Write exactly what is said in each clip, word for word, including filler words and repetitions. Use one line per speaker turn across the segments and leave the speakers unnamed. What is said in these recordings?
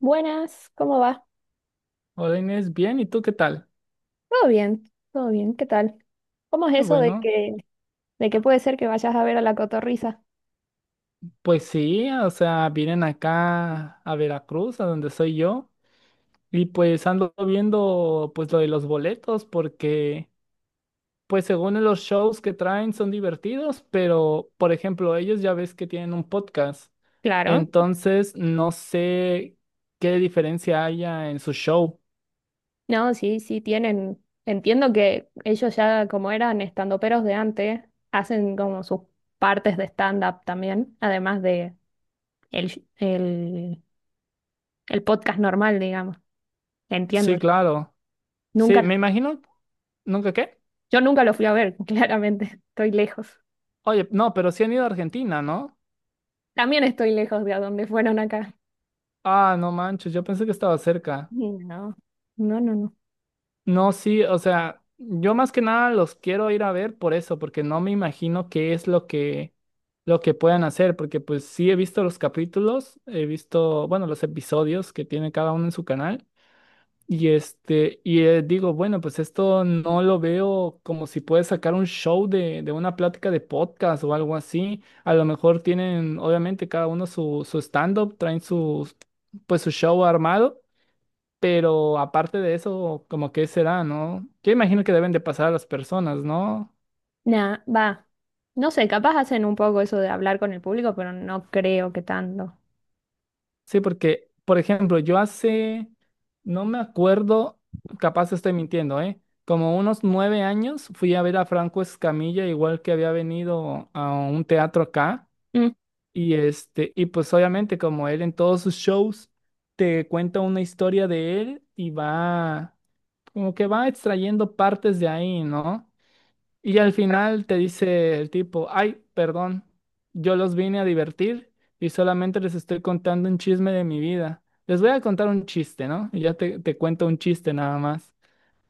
Buenas, ¿cómo va?
Hola Inés, bien, ¿y tú qué tal?
Todo bien, todo bien, ¿qué tal? ¿Cómo es
Qué
eso de
bueno.
que, de que puede ser que vayas a ver a la Cotorrisa?
Pues sí, o sea, vienen acá a Veracruz, a donde soy yo, y pues ando viendo pues lo de los boletos, porque pues según los shows que traen son divertidos, pero por ejemplo, ellos ya ves que tienen un podcast,
Claro.
entonces no sé qué diferencia haya en su show.
No, sí, sí, tienen. Entiendo que ellos ya, como eran estandoperos de antes, hacen como sus partes de stand-up también, además de el, sh- el, el podcast normal, digamos. Entiendo
Sí,
yo.
claro.
Nunca
Sí,
lo,
me imagino, ¿nunca qué?
yo nunca lo fui a ver, claramente. Estoy lejos.
Oye, no, pero sí han ido a Argentina, ¿no?
También estoy lejos de a dónde fueron acá.
Ah, no manches, yo pensé que estaba cerca.
No, no, no, no.
No, sí, o sea, yo más que nada los quiero ir a ver por eso, porque no me imagino qué es lo que lo que puedan hacer, porque pues sí he visto los capítulos, he visto, bueno, los episodios que tiene cada uno en su canal y este y eh, digo, bueno, pues esto no lo veo como si puede sacar un show de de una plática de podcast o algo así. A lo mejor tienen obviamente cada uno su su stand-up, traen sus pues su show armado, pero aparte de eso, como que será, ¿no? Yo imagino que deben de pasar a las personas, ¿no?
Nah, va. No sé, capaz hacen un poco eso de hablar con el público, pero no creo que tanto.
Sí, porque, por ejemplo, yo hace, no me acuerdo, capaz estoy mintiendo, ¿eh? Como unos nueve años fui a ver a Franco Escamilla, igual que había venido a un teatro acá,
Mm,
y este, y pues obviamente como él en todos sus shows te cuenta una historia de él y va, como que va extrayendo partes de ahí, ¿no? Y al final te dice el tipo, ay, perdón, yo los vine a divertir y solamente les estoy contando un chisme de mi vida. Les voy a contar un chiste, ¿no? Y ya te, te cuento un chiste nada más.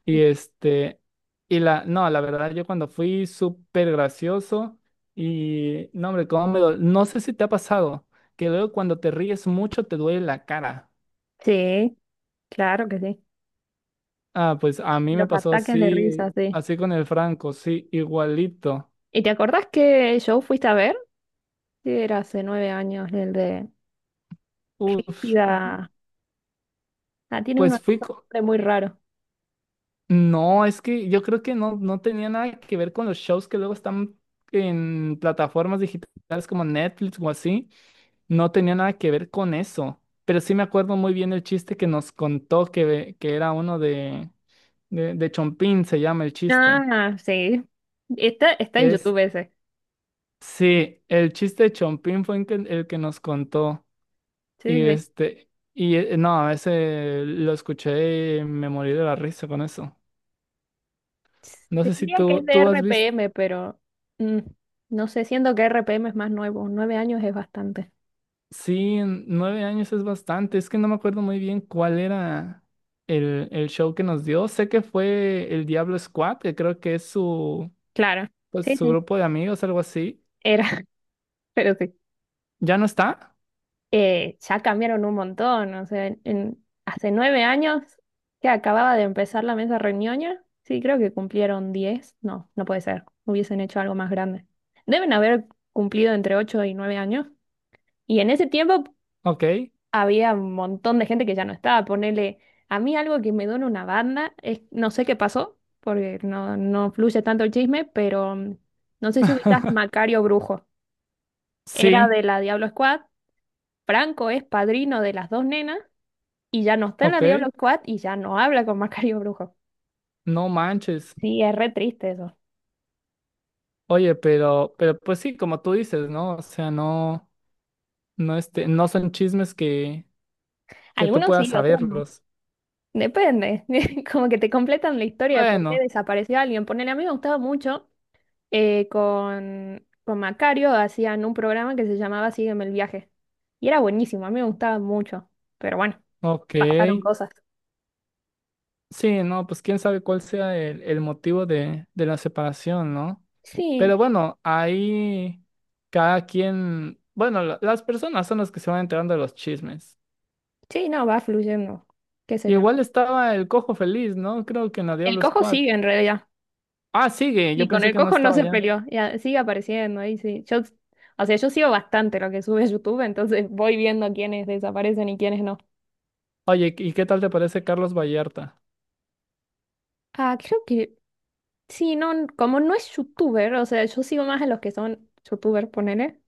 Y este, y la, no, la verdad, yo cuando fui súper gracioso y, no, hombre, cómo me dol- no sé si te ha pasado que luego cuando te ríes mucho te duele la cara.
sí, claro que sí.
Ah, pues a mí me
Los
pasó
ataques de
así,
risa, sí.
así con el Franco, sí, igualito.
¿Y te acordás qué show fuiste a ver? Sí, era hace nueve años, el de
Uf,
Piga. Ah, tiene uno
pues
así
fui,
con
co-
nombre muy raro.
no, es que yo creo que no, no tenía nada que ver con los shows que luego están en plataformas digitales como Netflix o así. No tenía nada que ver con eso. Pero sí me acuerdo muy bien el chiste que nos contó que, que era uno de, de, de Chompín, se llama el chiste.
Ah, sí. Está, está en
Es,
YouTube ese.
sí, el chiste de Chompín fue el que, el que nos contó.
Sí,
Y
sí.
este, y eh, no, ese lo escuché y me morí de la risa con eso. No
Te
sé si
diría que es
tú,
de
tú has visto.
R P M, pero mm, no sé, siento que R P M es más nuevo. Nueve años es bastante.
Sí, en nueve años es bastante. Es que no me acuerdo muy bien cuál era el, el show que nos dio. Sé que fue el Diablo Squad, que creo que es su,
Claro.
pues,
Sí,
su
sí.
grupo de amigos, algo así.
Era, pero sí.
¿Ya no está?
Eh, ya cambiaron un montón. O sea, en, en- hace nueve años que acababa de empezar la mesa reñoña, sí, creo que cumplieron diez. No, no puede ser. Hubiesen hecho algo más grande. Deben haber cumplido entre ocho y nueve años. Y en ese tiempo
Ok.
había un montón de gente que ya no estaba. Ponele, a mí algo que me duele una banda es, no sé qué pasó, porque no, no fluye tanto el chisme, pero mm, no sé si ubicas a Macario Brujo. Era
Sí,
de la Diablo Squad. Franco es padrino de las dos nenas y ya no está en la Diablo
ok.
Squad y ya no habla con Macario Brujo.
No manches.
Sí, es re triste eso.
Oye, pero, pero pues sí, como tú dices, ¿no? O sea, no, no, este, no son chismes que, que tú
Algunos
puedas
sí, otros no.
saberlos.
Depende. Como que te completan la historia de por qué
Bueno,
desapareció alguien. Ponele, a mí me gustaba mucho eh, con, con Macario, hacían un programa que se llamaba Sígueme el viaje. Y era buenísimo, a mí me gustaba mucho. Pero bueno,
ok.
pasaron cosas.
Sí, no, pues quién sabe cuál sea el, el motivo de, de la separación, ¿no?
Sí,
Pero bueno, ahí cada quien, bueno, la- las personas son las que se van enterando de los chismes.
sí, no, va fluyendo. ¿Qué sé yo?
Igual estaba el Cojo Feliz, ¿no? Creo que en la
El
Diablo
cojo
Squad.
sigue en realidad.
Ah, sigue,
Y
yo
con
pensé
el
que no
cojo no
estaba
se
ya.
peleó, y a- sigue apareciendo ahí, sí. Yo, o sea, yo sigo bastante lo que sube YouTube, entonces voy viendo quiénes desaparecen y quiénes no.
Oye, ¿y qué tal te parece Carlos Vallarta?
Ah, creo que sí, no, n- como no es youtuber, o sea, yo sigo más a los que son youtubers, ponele.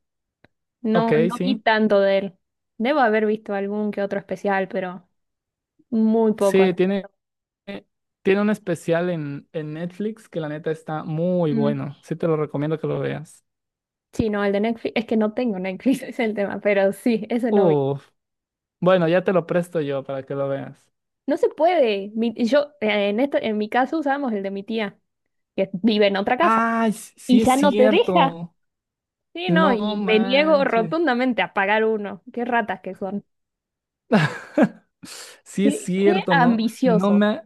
No,
Ok,
no vi
sí.
tanto de él. Debo haber visto algún que otro especial, pero muy poco.
Sí, tiene, tiene un especial en, en Netflix que la neta está muy
Mm.
bueno. Sí, te lo recomiendo que lo veas.
Sí, no, el de Netflix, es que no tengo Netflix, es el tema, pero sí, ese no vi.
Uf, bueno, ya te lo presto yo para que lo veas.
No se puede. Mi- yo, eh, en este en mi caso usábamos el de mi tía, que vive en otra casa.
Ah, s-
Y
sí es
ya no te deja.
cierto.
Sí, no,
No
y me niego
manches.
rotundamente a pagar uno. Qué ratas que son.
Sí es
Qué, qué
cierto, ¿no? No
ambicioso.
me,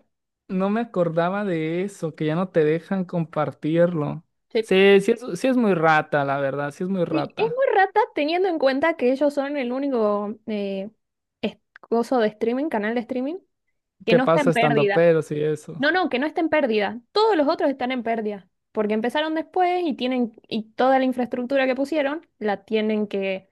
no me acordaba de eso, que ya no te dejan compartirlo.
Sí.
Sí, sí es, sí es muy rata, la verdad, sí es muy
Sí, es
rata.
muy rata teniendo en cuenta que ellos son el único eh, es- coso de streaming, canal de streaming, que
¿Qué
no está
pasa
en
estando
pérdida.
peros y eso?
No, no, que no está en pérdida. Todos los otros están en pérdida, porque empezaron después y tienen, y toda la infraestructura que pusieron la tienen que,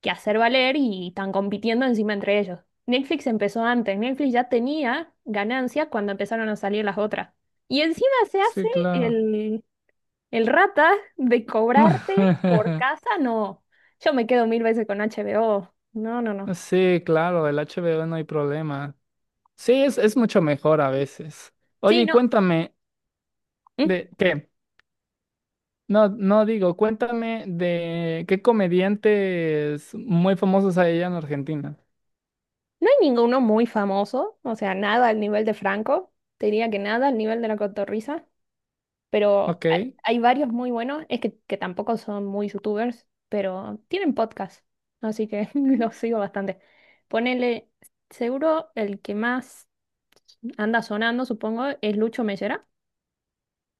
que hacer valer y están compitiendo encima entre ellos. Netflix empezó antes, Netflix ya tenía ganancias cuando empezaron a salir las otras. Y encima se hace
Sí, claro.
el, el rata de cobrarte por casa, no. Yo me quedo mil veces con H B O. No, no, no.
Sí, claro, el H B O no hay problema. Sí, es, es mucho mejor a veces. Oye,
Sí,
y
no.
cuéntame,
¿Mm?
¿de qué? No, no digo, cuéntame de qué comediantes muy famosos hay allá en Argentina.
No hay ninguno muy famoso, o sea, nada al nivel de Franco, te diría que nada al nivel de La Cotorrisa, pero
Ok,
hay, hay varios muy buenos, es que, que tampoco son muy youtubers, pero tienen podcast, así que los sigo bastante. Ponele, seguro el que más anda sonando, supongo, es Lucho Mellera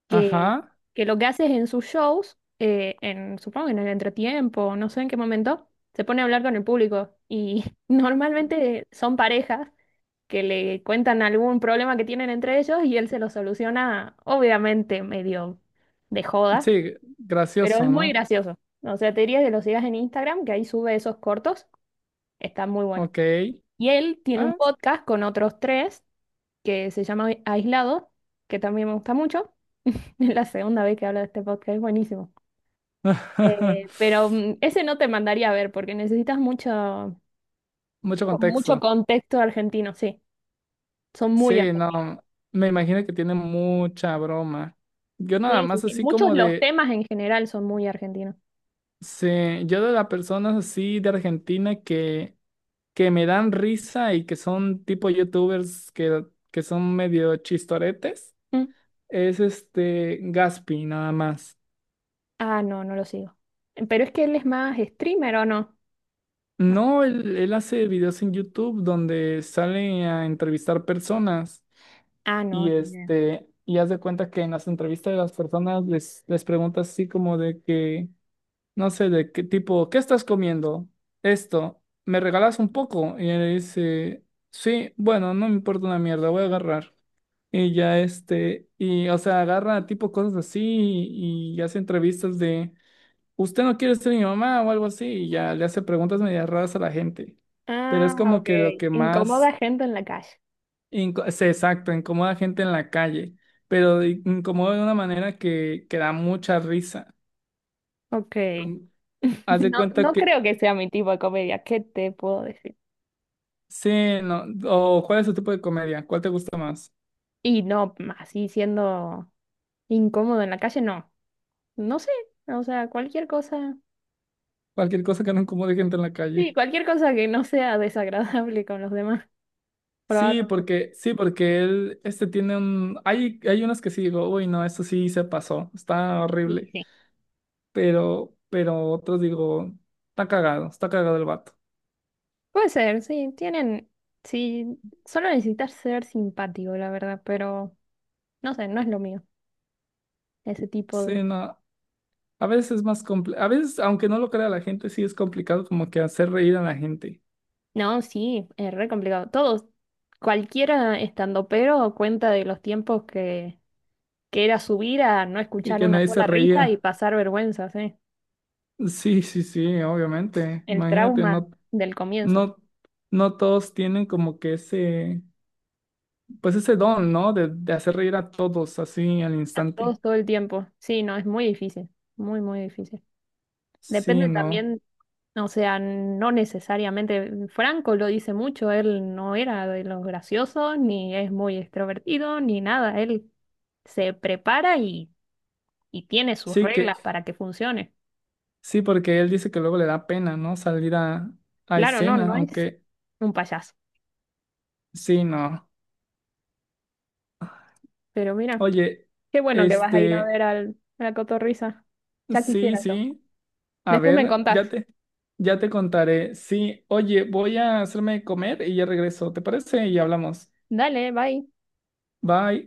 que,
ajá,
que lo que hace es en sus shows, eh, en, supongo que en el entretiempo, no sé en qué momento, se pone a hablar con el público y normalmente son parejas que le cuentan algún problema que tienen entre ellos y él se lo soluciona, obviamente medio de joda,
sí,
pero es
gracioso,
muy
¿no?
gracioso. O sea, te diría que lo sigas en Instagram, que ahí sube esos cortos, está muy bueno.
Ok,
Y él tiene un
ah,
podcast con otros tres que se llama Aislado, que también me gusta mucho. Es la segunda vez que hablo de este podcast, es buenísimo. Eh, pero mm, ese no te mandaría a ver porque necesitas mucho,
mucho
con mucho
contexto.
contexto argentino, sí. Son muy
Sí,
argentinos.
no, me imagino que tiene mucha broma. Yo nada
Sí, sí,
más
sí.
así
Muchos
como
los
de,
temas en general son muy argentinos.
sí, yo de las personas así de Argentina que, que me dan risa y que son tipo youtubers que, que son medio chistoretes.
Mm.
Es este Gaspi, nada más.
Ah, no, no lo sigo. Pero es que él es más streamer, ¿o no?
No, él, él hace videos en YouTube donde sale a entrevistar personas
Ah, no,
y
ni idea.
este, y haz de cuenta que en las entrevistas de las personas les, les preguntas así como de que, no sé, de qué tipo, ¿qué estás comiendo? Esto, ¿me regalas un poco? Y él dice, sí, bueno, no me importa una mierda, voy a agarrar. Y ya este, y o sea, agarra tipo cosas así y y hace entrevistas de usted no quiere ser mi mamá o algo así, y ya le hace preguntas medio raras a la gente. Pero es
Ah,
como
ok.
que lo que
Incomoda
más
gente en la calle.
inco- se exacto, incomoda a gente en la calle, pero de- incomoda de una manera que, que da mucha risa.
Ok.
Mm, haz de
No,
cuenta
no
que,
creo que sea mi tipo de comedia. ¿Qué te puedo decir?
sí, no, o cuál es su tipo de comedia, cuál te gusta más,
Y no, así siendo incómodo en la calle, no. No sé, o sea, cualquier cosa.
cualquier cosa que no incomode gente en la
Sí,
calle.
cualquier cosa que no sea desagradable con los demás,
Sí,
probablemente.
porque, sí, porque él, este tiene un, hay, hay unos que sí digo, uy, no, esto sí se pasó, está
Y
horrible.
sí.
pero, pero otros digo, está cagado, está cagado el vato.
Puede ser, sí, tienen, sí, solo necesitas ser simpático, la verdad, pero no sé, no es lo mío, ese tipo de...
Sí, no, a veces es más complicado, a veces, aunque no lo crea la gente, sí es complicado como que hacer reír a la gente
No, sí, es re complicado. Todos, cualquiera estandopero cuenta de los tiempos que, que era subir a no
y
escuchar
que
una
nadie se
sola risa y
reía.
pasar vergüenzas, ¿eh?
Sí, sí, sí, obviamente.
El
Imagínate,
trauma
no,
del comienzo.
no, no todos tienen como que ese, pues ese don, ¿no? De, de hacer reír a todos así al
A
instante.
todos todo el tiempo. Sí, no, es muy difícil, muy, muy difícil.
Sí,
Depende
no.
también, o sea, no necesariamente, Franco lo dice mucho, él no era de los graciosos, ni es muy extrovertido, ni nada, él se prepara y, y tiene sus
Sí que,
reglas para que funcione.
sí, porque él dice que luego le da pena, ¿no? Salir a, a
Claro, no,
escena,
no es
aunque
un payaso,
sí, no.
pero mira,
Oye,
qué bueno que vas a ir a
este,
ver al, a la cotorrisa. Ya
sí,
quisiera yo.
sí, a
Después me
ver, ya
contás.
te, ya te contaré. Sí, oye, voy a hacerme comer y ya regreso, ¿te parece? Y hablamos.
Dale, bye.
Bye.